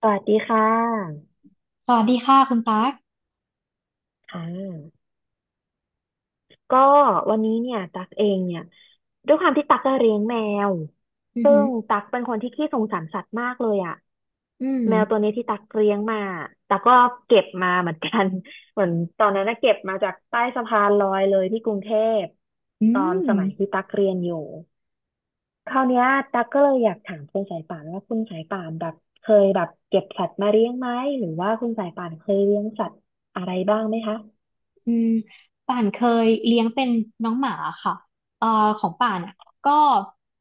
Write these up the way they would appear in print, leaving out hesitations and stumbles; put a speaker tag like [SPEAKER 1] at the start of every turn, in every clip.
[SPEAKER 1] สวัสดีค่ะ
[SPEAKER 2] สวัสดีค่ะคุณตั๊ก
[SPEAKER 1] ค่ะก็วันนี้เนี่ยตักเองเนี่ยด้วยความที่ตักก็เลี้ยงแมว
[SPEAKER 2] อือ
[SPEAKER 1] ซึ่
[SPEAKER 2] หือ
[SPEAKER 1] งตักเป็นคนที่ขี้สงสารสัตว์มากเลยอ่ะ
[SPEAKER 2] อื
[SPEAKER 1] แมวตัว
[SPEAKER 2] ม
[SPEAKER 1] นี้ที่ตักเลี้ยงมาตักก็เก็บมาเหมือนกัน เหมือนตอนนั้นนะเก็บมาจากใต้สะพานลอยเลยที่กรุงเทพ
[SPEAKER 2] อื
[SPEAKER 1] ตอน
[SPEAKER 2] ม
[SPEAKER 1] สมัยที่ตักเรียนอยู่คราวเนี้ยตักก็เลยอยากถามคุณสายป่านว่าคุณสายป่านแบบเคยแบบเก็บสัตว์มาเลี้ยงไหมหรือว่าคุณสายป่านเคยเลี้ยงสัตว์อะไรบ้างไหมคะ
[SPEAKER 2] อืมป่านเคยเลี้ยงเป็นน้องหมาค่ะเอ่อของป่านอ่ะก็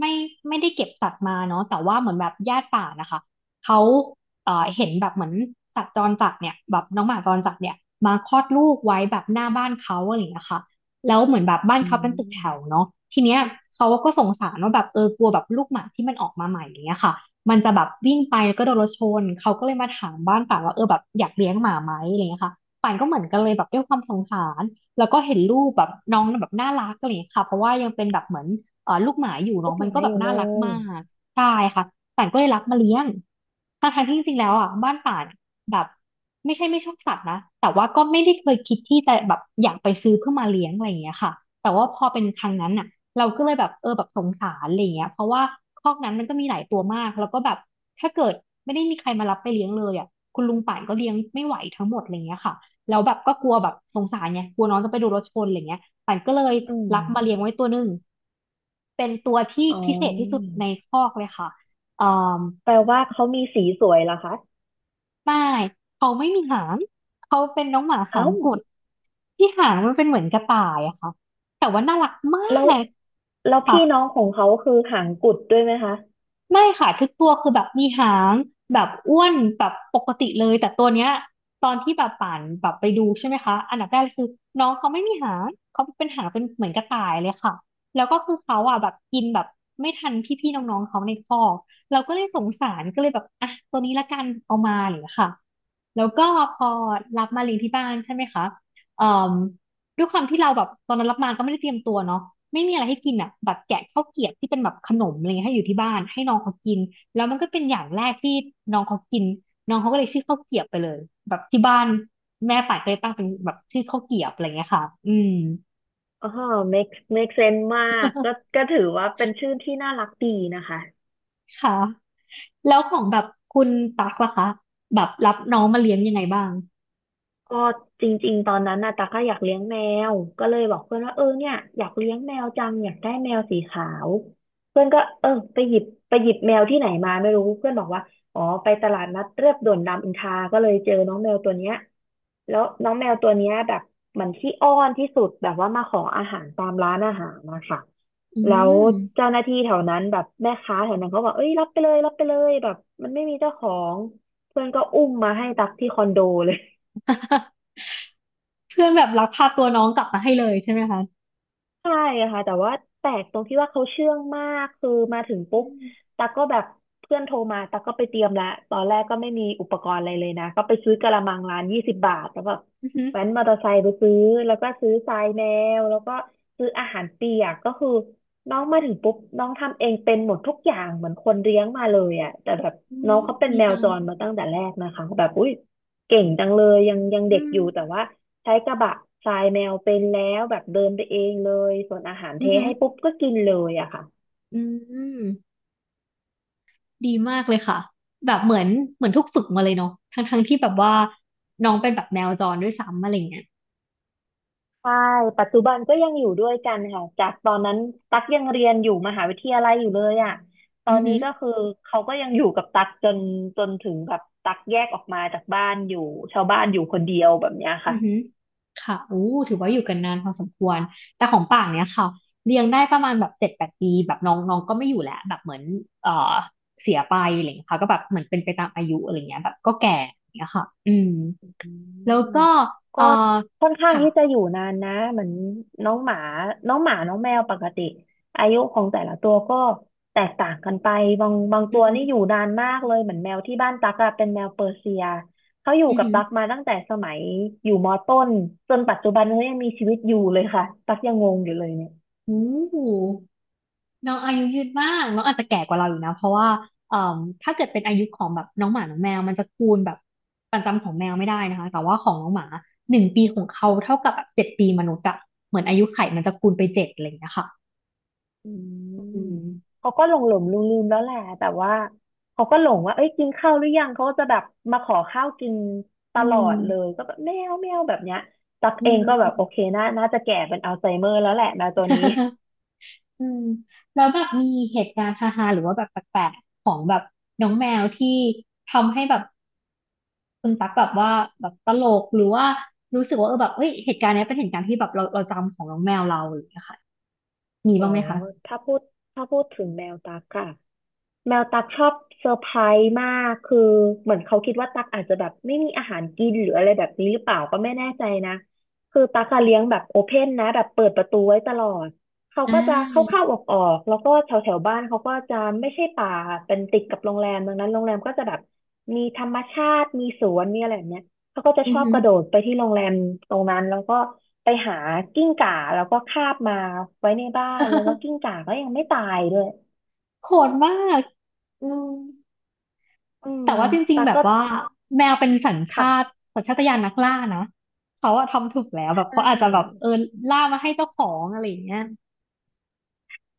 [SPEAKER 2] ไม่ไม่ได้เก็บสัตว์มาเนาะแต่ว่าเหมือนแบบญาติป่านนะคะเขาเห็นแบบเหมือนสัตว์จรจัดเนี่ยแบบน้องหมาจรจัดเนี่ยมาคลอดลูกไว้แบบหน้าบ้านเขาอะไรอย่างเงี้ยค่ะแล้วเหมือนแบบบ้าน
[SPEAKER 1] อื
[SPEAKER 2] เขาเป็นตึก
[SPEAKER 1] ม
[SPEAKER 2] แถวเนาะทีเนี้ยเขาก็สงสารว่าแบบเออกลัวแบบลูกหมาที่มันออกมาใหม่อย่างเงี้ยค่ะมันจะแบบวิ่งไปแล้วก็โดนรถชนเขาก็เลยมาถามบ้านป่านว่าเออแบบอยากเลี้ยงหมาไหมอะไรอย่างเงี้ยค่ะ ป่านก็เหมือนกันเลยแบบด้วยความสงสารแล้วก็เห็นลูกแบบน้องแบบน่ารักอะไรอย่างเงี้ยค่ะเพราะว่ายังเป็นแบบเหมือนลูกหมาอยู่เน้อ
[SPEAKER 1] ลู
[SPEAKER 2] ง
[SPEAKER 1] กห
[SPEAKER 2] มัน
[SPEAKER 1] มา
[SPEAKER 2] ก็แบ
[SPEAKER 1] อ
[SPEAKER 2] บ
[SPEAKER 1] ยู่เล
[SPEAKER 2] น่ารัก
[SPEAKER 1] ย
[SPEAKER 2] มากใช่ค่ะป่านก็เลยรับมาเลี้ยงทั้งที่จริงๆแล้วอ่ะบ้านป่านแบบไม่ใช่ไม่ชอบสัตว์นะแต่ว่าก็ไม่ได้เคยคิดที่จะแบบอยากไปซื้อเพื่อมาเลี้ยงอะไรอย่างเงี้ยค่ะแต่ว่าพอเป็นครั้งนั้นอ่ะเราก็เลยแบบเออแบบสงสารอะไรอย่างเงี้ยเพราะว่าคอกนั้นมันก็มีหลายตัวมากแล้วก็แบบถ้าเกิดไม่ได้มีใครมารับไปเลี้ยงเลยอ่ะคุณลุงป่านก็เลี้ยงไม่ไหวทั้งหมดอะไรเงี้ยค่ะ แล้วแบบก็กลัวแบบสงสารไงกลัวน้องจะไปโดนรถชนอะไรเงี้ยปันก็เลย
[SPEAKER 1] อืม
[SPEAKER 2] รับมาเลี้ยงไว้ตัวหนึ่งเป็นตัวที่
[SPEAKER 1] อ๋อ
[SPEAKER 2] พิเศษที่สุดในคอกเลยค่ะเอ่อ
[SPEAKER 1] แปลว่าเขามีสีสวยเหรอคะ
[SPEAKER 2] ไม่เขาไม่มีหางเขาเป็นน้องหมาหา
[SPEAKER 1] เอ้า
[SPEAKER 2] งกุดที่หางมันเป็นเหมือนกระต่ายอะค่ะแต่ว่าน่ารักมา
[SPEAKER 1] แล้ว
[SPEAKER 2] ก
[SPEAKER 1] แล้ว
[SPEAKER 2] ค่ะ
[SPEAKER 1] พี่น้องของเขาคือหางกุดด้วยไหมคะ
[SPEAKER 2] ไม่ค่ะทุกตัวคือแบบมีหางแบบอ้วนแบบปกติเลยแต่ตัวเนี้ยตอนที่แบบป่านแบบไปดูใช่ไหมคะอันดับแรกเลยคือน้องเขาไม่มีหางเขาเป็นหางเป็นเหมือนกระต่ายเลยค่ะแล้วก็คือเขาอ่ะแบบกินแบบไม่ทันพี่ๆน้องๆเขาในคอกเราก็เลยสงสารก็เลยแบบอ่ะตัวนี้ละกันเอามาอะไรอย่างเลยค่ะแล้วก็พอรับมาเลี้ยงที่บ้านใช่ไหมคะเอ่อ ด้วยความที่เราแบบตอนนั้นรับมาก็ไม่ได้เตรียมตัวเนาะไม่มีอะไรให้กินอ่ะแบบแกะข้าวเกรียบที่เป็นแบบขนมอะไรเงี้ยให้อยู่ที่บ้านให้น้องเขากินแล้วมันก็เป็นอย่างแรกที่น้องเขากินน้องเขาก็เลยชื่อข้าวเกรียบไปเลยแบบที่บ้านแม่ป่านก็เลยตั้งเป็นแบบชื่อข้าวเกรียบอะไรเงี้ยค่ะอืม
[SPEAKER 1] อ๋อ make make sense มากก็ ก็ถือว่าเป็นชื่อที่น่ารักดีนะคะ
[SPEAKER 2] ค่ะแล้วของแบบคุณตักล่ะคะแบบรับน้องมาเลี้ยงยังไงบ้าง
[SPEAKER 1] ก็จริงๆตอนนั้นน่ะตาก็อยากเลี้ยงแมวก็เลยบอกเพื่อนว่าเออเนี่ยอยากเลี้ยงแมวจังอยากได้แมวสีขาวเพื่อนก็เออไปหยิบแมวที่ไหนมาไม่รู้เพื่อนบอกว่าอ๋อไปตลาดนัดเรียบด่วนรามอินทราก็เลยเจอน้องแมวตัวเนี้ยแล้วน้องแมวตัวเนี้ยแบบเหมือนขี้อ้อนที่สุดแบบว่ามาขออาหารตามร้านอาหารนะคะ
[SPEAKER 2] อื
[SPEAKER 1] แล้ว
[SPEAKER 2] ม
[SPEAKER 1] เจ้าหน้าที่แถวนั้นแบบแม่ค้าแถวนั้นเขาบอกเอ้ยรับไปเลยรับไปเลยแบบมันไม่มีเจ้าของเพื่อนก็อุ้มมาให้ตักที่คอนโดเลย
[SPEAKER 2] เพื่อนแบบรักพาตัวน้องกลับมาให้เลยใช่ไหมคะ
[SPEAKER 1] ใช่ค่ะแต่ว่าแปลกตรงที่ว่าเขาเชื่องมากคือมาถึง
[SPEAKER 2] อื
[SPEAKER 1] ปุ๊บ
[SPEAKER 2] ม
[SPEAKER 1] ตากก็แบบเพื่อนโทรมาตากก็ไปเตรียมและตอนแรกก็ไม่มีอุปกรณ์อะไรเลยนะก็ไปซื้อกะละมังร้านยี่สิบบาทแล้วแบบ
[SPEAKER 2] อือหือ
[SPEAKER 1] แว้นมอเตอร์ไซค์ไปซื้อแล้วก็ซื้อทรายแมวแล้วก็ซื้ออาหารเปียกก็คือน้องมาถึงปุ๊บน้องทำเองเป็นหมดทุกอย่างเหมือนคนเลี้ยงมาเลยอ่ะแต่แบบ
[SPEAKER 2] อี
[SPEAKER 1] น้องเขาเป็น
[SPEAKER 2] ดี
[SPEAKER 1] แมว
[SPEAKER 2] จัง
[SPEAKER 1] จรมาตั้งแต่แรกนะคะแบบอุ้ยเก่งจังเลยยังยัง
[SPEAKER 2] อื
[SPEAKER 1] เด็ก
[SPEAKER 2] ม
[SPEAKER 1] อยู่แต่ว่า ใช้กระบะทรายแมวเป็นแล้วแบบเดินไปเองเลยส่วนอาหารเท
[SPEAKER 2] อือหือ
[SPEAKER 1] ให้ปุ๊บก็กินเลยอะค่ะ
[SPEAKER 2] อืมดีมากเลยค่ะแบบเหมือนเหมือนถูกฝึกมาเลยเนาะทั้งที่แบบว่าน้องเป็นแบบแมวจรด้วยซ้ำอะไรเงี้ย
[SPEAKER 1] ใช่ปัจจุบันก็ยังอยู่ด้วยกันค่ะจากตอนนั้นตักยังเรียนอยู่มหาวิทยาลัยอยู่เลยอะตอ
[SPEAKER 2] อือ
[SPEAKER 1] นนี้
[SPEAKER 2] หือ
[SPEAKER 1] ก็เขาก็ยังอยู่กับตักจนถึงแบบตักแยกออกมาจากบ้านอยู่ชาวบ้านอยู่คนเดียวแบบเนี้ย
[SPEAKER 2] อื
[SPEAKER 1] ค่ะ
[SPEAKER 2] อหือค่ะโอ้ถือว่าอยู่กันนานพอสมควร แต่ของป่างเนี้ยค่ะเลี้ยงได้ประมาณแบบ7-8 ปีแบบน้องน้องก็ไม่อยู่แล้วแบบเหมือนเอ่อเสียไปอะไรเงี้ยค่ะก็แบบเหมือนเป็นไปตามอายุอะไรเงี้ยแบบก็แก่อย่างเงี้ยค่ะอืม
[SPEAKER 1] อื
[SPEAKER 2] แล้ว
[SPEAKER 1] ม
[SPEAKER 2] ก็
[SPEAKER 1] ก็
[SPEAKER 2] เอ่อ
[SPEAKER 1] ค่อนข้าง
[SPEAKER 2] ค่ะ
[SPEAKER 1] ที่จะอยู่นานนะเหมือนน้องหมาน้องหมาน้องแมวปกติอายุของแต่ละตัวก็แตกต่างกันไปบาง
[SPEAKER 2] อื
[SPEAKER 1] ตั
[SPEAKER 2] อ
[SPEAKER 1] ว
[SPEAKER 2] หื
[SPEAKER 1] นี่
[SPEAKER 2] อ
[SPEAKER 1] อยู่นานมากเลยเหมือนแมวที่บ้านตั๊กอะเป็นแมวเปอร์เซียเขาอยู่
[SPEAKER 2] อือ
[SPEAKER 1] กับ
[SPEAKER 2] หือ
[SPEAKER 1] ตั๊กมาตั้งแต่สมัยอยู่มอต้นจนปัจจุบันเขายังมีชีวิตอยู่เลยค่ะตั๊กยังงงอยู่เลยเนี่ย
[SPEAKER 2] โอ้ น้องอายุยืนมากน้องอาจจะแก่กว่าเราอยู่นะเพราะว่าเอ่อถ้าเกิดเป็นอายุของแบบน้องหมาน้องแมวมันจะคูณแบบประจำของแมวไม่ได้นะคะ แต่ว่าของน้องหมา1 ปีของเขาเท่ากับแบบ7 ปีมนุษย์อะเหมือนอายุไขมันจะคูณไปเจ็ดอะไรอย่างเงี้ยค่ะ
[SPEAKER 1] อื
[SPEAKER 2] อื
[SPEAKER 1] ม
[SPEAKER 2] ม
[SPEAKER 1] เขาก็หลงลืมลืมๆแล้วแหละแต่ว่าเขาก็หลงว่าเอ้ยกินข้าวหรือยังเขาก็จะแบบมาขอข้าวกินต
[SPEAKER 2] อื
[SPEAKER 1] ลอ
[SPEAKER 2] ม
[SPEAKER 1] ดเลยก็แบบแมวแมวแบบเนี้ยตัก
[SPEAKER 2] อื
[SPEAKER 1] เองก็แบบโอเค
[SPEAKER 2] ม
[SPEAKER 1] น่าน่าจะแก่เป็นอัลไซเมอร์แล้วแหละแมวตัวนี้
[SPEAKER 2] อืมแล้วแบบมีเหตุการณ์ฮาๆหรือว่าแบบแปลกๆของแบบน้องแมวที่ทำให้แบบคุณตั๊กแบบว่าแบบตลกหรือว่ารู้สึกว่าเออแบบเอ้ยเหตุการณ์เนี้ยเป็นเหตุการณ์ที่แบบเราจำของน้องแมวเราอะไรอย่างเงี้ยค่ะ มี
[SPEAKER 1] โอ้
[SPEAKER 2] บ้างไหมคะ
[SPEAKER 1] ถ้าพูดถ้าพูดถึงแมวตักค่ะ แมวตักชอบเซอร์ไพรส์มากคือเหมือนเขาคิดว่าตักอาจจะแบบไม่มีอาหารกินหรืออะไรแบบนี้หรือเปล่าก็ไม่แน่ใจนะคือตักอะเลี้ยงแบบโอเพ่นนะแบบเปิดประตูไว้ตลอดเขา
[SPEAKER 2] อ่
[SPEAKER 1] ก็จะเข้า
[SPEAKER 2] า
[SPEAKER 1] เข้าออกออกๆแล้วก็แถวแถวบ้านเขาก็จะไม่ใช่ป่าเป็นติดกับโรงแรมดังนั้นโรงแรมก็จะแบบมีธรรมชาติมีสวนมีอะไรแบบเนี้ยเขาก็จะ
[SPEAKER 2] อื
[SPEAKER 1] ช
[SPEAKER 2] อ
[SPEAKER 1] อบ
[SPEAKER 2] หื
[SPEAKER 1] ก
[SPEAKER 2] อ
[SPEAKER 1] ระโดดไปที่โรงแรมตรงนั้นแล้วก็ไปหากิ้งก่าแล้วก็คาบมาไว้ในบ้านแล้วก็กิ้ งก่าก็ยังไม่ตายด้วย
[SPEAKER 2] โหดมากอืม
[SPEAKER 1] อื
[SPEAKER 2] แต่
[SPEAKER 1] ม
[SPEAKER 2] ว่าจริง
[SPEAKER 1] ตา
[SPEAKER 2] ๆแบบ
[SPEAKER 1] ก็
[SPEAKER 2] ว่าแมวเป็นสัญชาติ
[SPEAKER 1] ค่ะ
[SPEAKER 2] สัญชาตญาณนักล่านะเขาอะทำถูกแล้ว
[SPEAKER 1] ใช
[SPEAKER 2] แบบ
[SPEAKER 1] ่
[SPEAKER 2] เขาอาจจะแบบเออล่ามาให้เจ้าของอะไรอย่างเงี้ย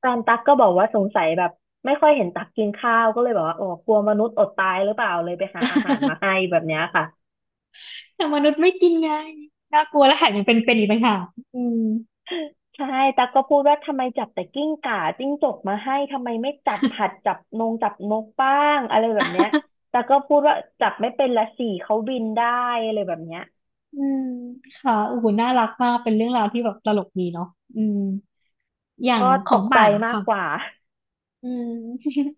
[SPEAKER 1] ตอนตักก็บอกว่าสงสัยแบบไม่ค่อยเห็นตักกินข้าวก็เลยบอกว่าอ๋อกลัวมนุษย์อดตายหรือเปล่าเลยไปหาอาหารมาให้ แบบเนี้ยค่ะ
[SPEAKER 2] แต่มนุษย์ไม่กินไงน่ากลัวและแถมยังเป็นอีกต่างหากอืม
[SPEAKER 1] ใช่ตักก็พูดว่าทำไมจับแต่กิ้งก่าจิ้งจกมาให้ทำไมไม่จับหัดจับนงจับนกบ้างอะไรแบบเนี้ย ตักก็พูดว่าจับไม่เป็นละสี่เขาบินได้อะไรแบบเนี้ย
[SPEAKER 2] อืมค่ะโอ้โหน่ารักมากเป็นเรื่องราวที่แบบตลกดีเนาะอืมอย่าง
[SPEAKER 1] ก็
[SPEAKER 2] ข
[SPEAKER 1] ต
[SPEAKER 2] อง
[SPEAKER 1] กใจ
[SPEAKER 2] ป่าน
[SPEAKER 1] มาก
[SPEAKER 2] ค่ะ
[SPEAKER 1] กว่า
[SPEAKER 2] อืม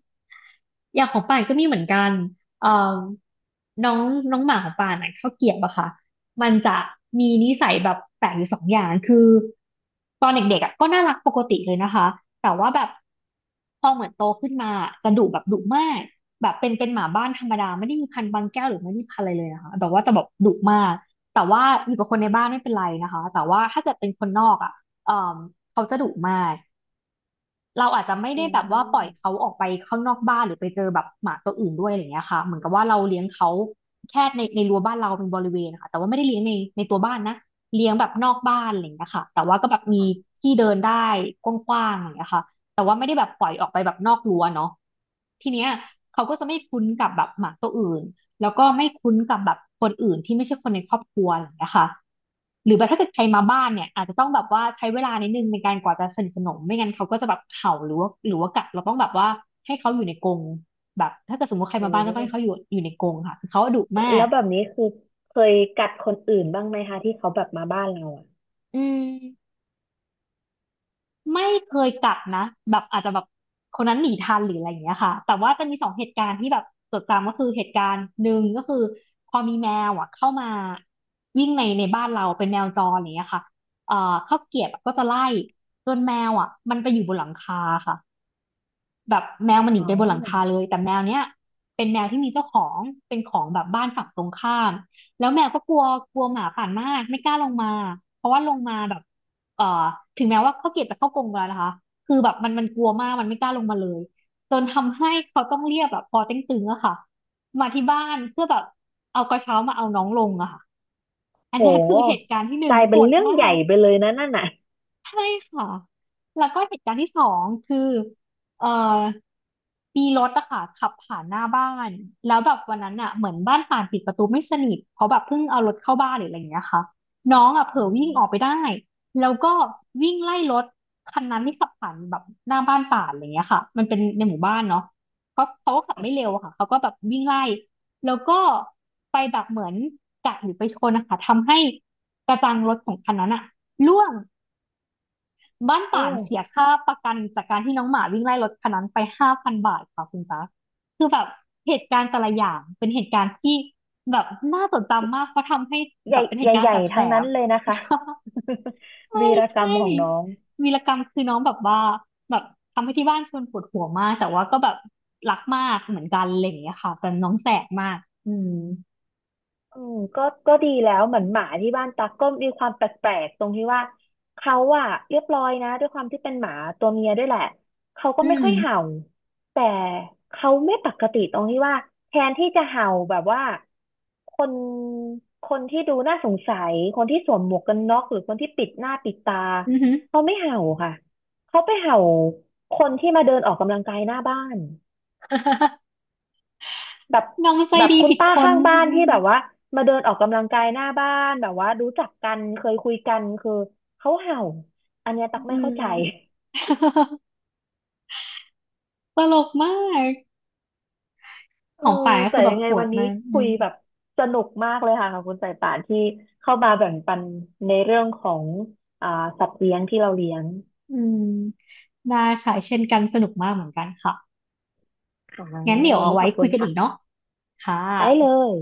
[SPEAKER 2] อย่างของป่านก็มีเหมือนกันเอ่อน้องน้องหมาของป่านอ่ะข้าวเกรียบอะค่ะมันจะมีนิสัยแบบแปลกอยู่สองอย่างคือตอนเด็กๆอะก็น่ารักปกติเลยนะคะ แต่ว่าแบบพอเหมือนโตขึ้นมาจะดุแบบดุมากแบบเป็นหมาบ้านธรรมดาไม่ได้มีพันธุ์บางแก้วหรือไม่ได้พันธุ์อะไรเลยนะคะแบบว่าจะแบบดุมาก แต่ว่าอยู่กับคนในบ้านไม่เป็นไรนะคะ แต่ว่าถ้าเกิดเป็นคนนอกอ่ะเอ่อเขาจะดุมาก เราอาจจะไม่
[SPEAKER 1] อื
[SPEAKER 2] ได้แบบว่าปล่อยเขา
[SPEAKER 1] ม
[SPEAKER 2] ออกไปข้างนอกบ้านหรือไปเจอแบบหมาตัวอื่นด้วยอะไรเงี้ยค่ะเหมือนกับว่าเราเลี้ยงเขาแค่ในรั้วบ้านเราเป็นบริเวณนะคะแต่ว่าไม่ได้เลี้ยงในตัวบ้านนะเลี้ยงแบบนอกบ้านอะไรเงี้ยค่ะแต่ว่าก็แบบมี
[SPEAKER 1] ค่ะ
[SPEAKER 2] ที่เดินได้กว้างๆอะไรเงี้ยค่ะแต่ว่าไม่ได้แบบปล่อยออกไปแบบนอกรั้วเนาะทีเนี้ยเขาก็จะไม่คุ้นกับแบบหมาตัวอื่น แล้วก็ไม่คุ้นกับแบบคนอื่นที่ไม่ใช่คนในครอบครัวอะไรอย่างเงี้ยค่ะหรือแบบถ้าเกิดใครมาบ้านเนี่ยอาจจะต้องแบบว่าใช้เวลานิดนึงในการกว่าจะสนิทสนมไม่งั้นเขาก็จะแบบเห่าหรือว่ากัดเราต้องแบบว่าให้เขาอยู่ในกรงแบบถ้าเกิดสมมติใคร
[SPEAKER 1] โอ้
[SPEAKER 2] มาบ้านก็ต้องให้เขาอยู่ในกรงค่ะคือเขาดุมา
[SPEAKER 1] แล้
[SPEAKER 2] ก
[SPEAKER 1] วแบบนี้คือเคยกัดคนอื่นบ้างไหมคะที่เขาแบบมาบ้านเราอ่ะ
[SPEAKER 2] อืม ไม่เคยกัดนะแบบอาจจะแบบคนนั้นหนีทันหรืออะไรอย่างเงี้ยค่ะแต่ว่าจะมีสองเหตุการณ์ที่แบบจดจำก็คือเหตุการณ์หนึ่งก็คือพอมีแมวอ่ะเข้ามาวิ่งในบ้านเราเป็นแมวจรอย่างเงี้ยค่ะเอ่อข้าวเกรียบก็จะไล่จนแมวอ่ะมันไปอยู่บนหลังคาค่ะ แบบแมวมันหนี
[SPEAKER 1] อ๋
[SPEAKER 2] ไป
[SPEAKER 1] อ
[SPEAKER 2] บนหลังคาเลยแต่แมวเนี้ยเป็นแมวที่มีเจ้าของเป็นของแบบบ้านฝั่งตรงข้ามแล้วแมวก็กลัวกลัวหมาป่านมากไม่กล้าลงมาเพราะว่าลงมาแบบเอ่อถึงแม้ว่าเขาเกลียดจะเข้ากรงแล้วนะคะคือแบบมันกลัวมากมันไม่กล้าลงมาเลยจนทำให้เขาต้องเรียกแบบพอเต็งตึงอะค่ะมาที่บ้านเพื่อแบบเอากระเช้ามาเอาน้องลงอะค่ะอั
[SPEAKER 1] โ
[SPEAKER 2] นเนี้ยคือเหตุ
[SPEAKER 1] ห
[SPEAKER 2] การณ์ที่หนึ่
[SPEAKER 1] ก
[SPEAKER 2] ง
[SPEAKER 1] ลาย
[SPEAKER 2] โห
[SPEAKER 1] เป็น
[SPEAKER 2] ด
[SPEAKER 1] เรื่อง
[SPEAKER 2] มา
[SPEAKER 1] ใหญ่
[SPEAKER 2] ก
[SPEAKER 1] ไปเลยนะนั่นน่ะ
[SPEAKER 2] ใช่ค่ะแล้วก็เหตุการณ์ที่สองคือเอ่อมีรถอะค่ะขับผ่านหน้าบ้านแล้วแบบวันนั้นอะเหมือนบ้านป่านปิดประตูไม่สนิทเพราะแบบเพิ่งเอารถเข้าบ้านหรืออะไรอย่างเงี้ยค่ะน้องอะเผล
[SPEAKER 1] อื
[SPEAKER 2] อวิ่งออกไป
[SPEAKER 1] ม
[SPEAKER 2] ได้แล้วก็วิ่งไล่รถคันนั้นที่ขับผ่านแบบหน้าบ้านป่านอะไรอย่างเงี้ยค่ะมันเป็นในหมู่บ้านเนาะเขาก็ขับไม่เร็วอะค่ะเขาก็แบบวิ่งไล่แล้วก็ไปแบบเหมือนกัดหรือไปชนนะคะทำให้กระจังรถของคันนั้นอะร่วง บ้าน
[SPEAKER 1] โอ้
[SPEAKER 2] ป่านเสียค่าประกันจากการที่น้องหมาวิ่งไล่รถคันนั้นไป5,000 บาทค่ะคุณตาคือแบบเหตุการณ์แต่ละอย่างเป็นเหตุการณ์ที่แบบน่าจดจำมากเพราะทำให้
[SPEAKER 1] ให
[SPEAKER 2] แบ
[SPEAKER 1] ญ่
[SPEAKER 2] บเป็นเห
[SPEAKER 1] ใ
[SPEAKER 2] ตุการ
[SPEAKER 1] ห
[SPEAKER 2] ณ์แ
[SPEAKER 1] ญ่ๆ
[SPEAKER 2] ส
[SPEAKER 1] ทั้งนั้
[SPEAKER 2] บ
[SPEAKER 1] น
[SPEAKER 2] ๆ
[SPEAKER 1] เลยนะคะ
[SPEAKER 2] ใช่
[SPEAKER 1] วีรกรร
[SPEAKER 2] ใช่
[SPEAKER 1] มของน้อง
[SPEAKER 2] วีรกรรมคือน้องแบบว่าแบบทำให้ที่บ้านชวนปวดหัวมากแต่ว่าก็แบบรักมากเหมือนกันอะไรอย่างเงี้ยค่ะแต่น้องแสบมากอืม
[SPEAKER 1] อืมก็ก็ดีแล้วเหมือนหมาที่บ้านตักก็มีความแปลกๆตรงที่ว่าเขาอะเรียบร้อยนะด้วยความที่เป็นหมาตัวเมียด้วยแหละเขาก็
[SPEAKER 2] อื
[SPEAKER 1] ไม่
[SPEAKER 2] ม
[SPEAKER 1] ค่อยเห่าแต่เขาไม่ปกติตรงที่ว่าแทนที่จะเห่าแบบว่าคนคนที่ดูน่าสงสัยคนที่สวมหมวกกันน็อกหรือคนที่ปิดหน้าปิดตา
[SPEAKER 2] อือหือ
[SPEAKER 1] เขาไม่เห่าค่ะเขาไปเห่าคนที่มาเดินออกกำลังกายหน้าบ้าน แบบ
[SPEAKER 2] น้องใจ
[SPEAKER 1] แบบ
[SPEAKER 2] ดี
[SPEAKER 1] คุณ
[SPEAKER 2] ผิด
[SPEAKER 1] ป้า
[SPEAKER 2] คน
[SPEAKER 1] ข้างบ้าน
[SPEAKER 2] อื
[SPEAKER 1] ที่
[SPEAKER 2] ม
[SPEAKER 1] แบบว่ามาเดินออกกำลังกายหน้าบ้านแบบว่ารู้จักกันเคยคุยกันคือเขาเห่าอันเนี้ยตักไม่
[SPEAKER 2] อื
[SPEAKER 1] เข้า
[SPEAKER 2] ม
[SPEAKER 1] ใจ
[SPEAKER 2] ตลกมาก
[SPEAKER 1] เอ
[SPEAKER 2] ข
[SPEAKER 1] อ
[SPEAKER 2] องป่ายก็
[SPEAKER 1] แต่
[SPEAKER 2] คือแบ
[SPEAKER 1] ยั
[SPEAKER 2] บ
[SPEAKER 1] งไง
[SPEAKER 2] โห
[SPEAKER 1] วั
[SPEAKER 2] ด
[SPEAKER 1] นนี้
[SPEAKER 2] มากอื
[SPEAKER 1] คุย
[SPEAKER 2] ม
[SPEAKER 1] แบบสนุกมากเลยค่ะขอบคุณสายป่านที่เข้ามาแบ่งปันในเรื่องของอ่าสัตว์เลี้ยงที่เราเลี้ยง
[SPEAKER 2] อืมได้ค่ะเช่นกันสนุกมากเหมือนกันค่ะ
[SPEAKER 1] ค่ะ
[SPEAKER 2] งั้นเดี๋ยว
[SPEAKER 1] วัน
[SPEAKER 2] เอา
[SPEAKER 1] นี้
[SPEAKER 2] ไว้
[SPEAKER 1] ขอบคุ
[SPEAKER 2] คุย
[SPEAKER 1] ณ
[SPEAKER 2] กันอีกเนาะ
[SPEAKER 1] ค่ะ
[SPEAKER 2] ค่ะ
[SPEAKER 1] ได้เลย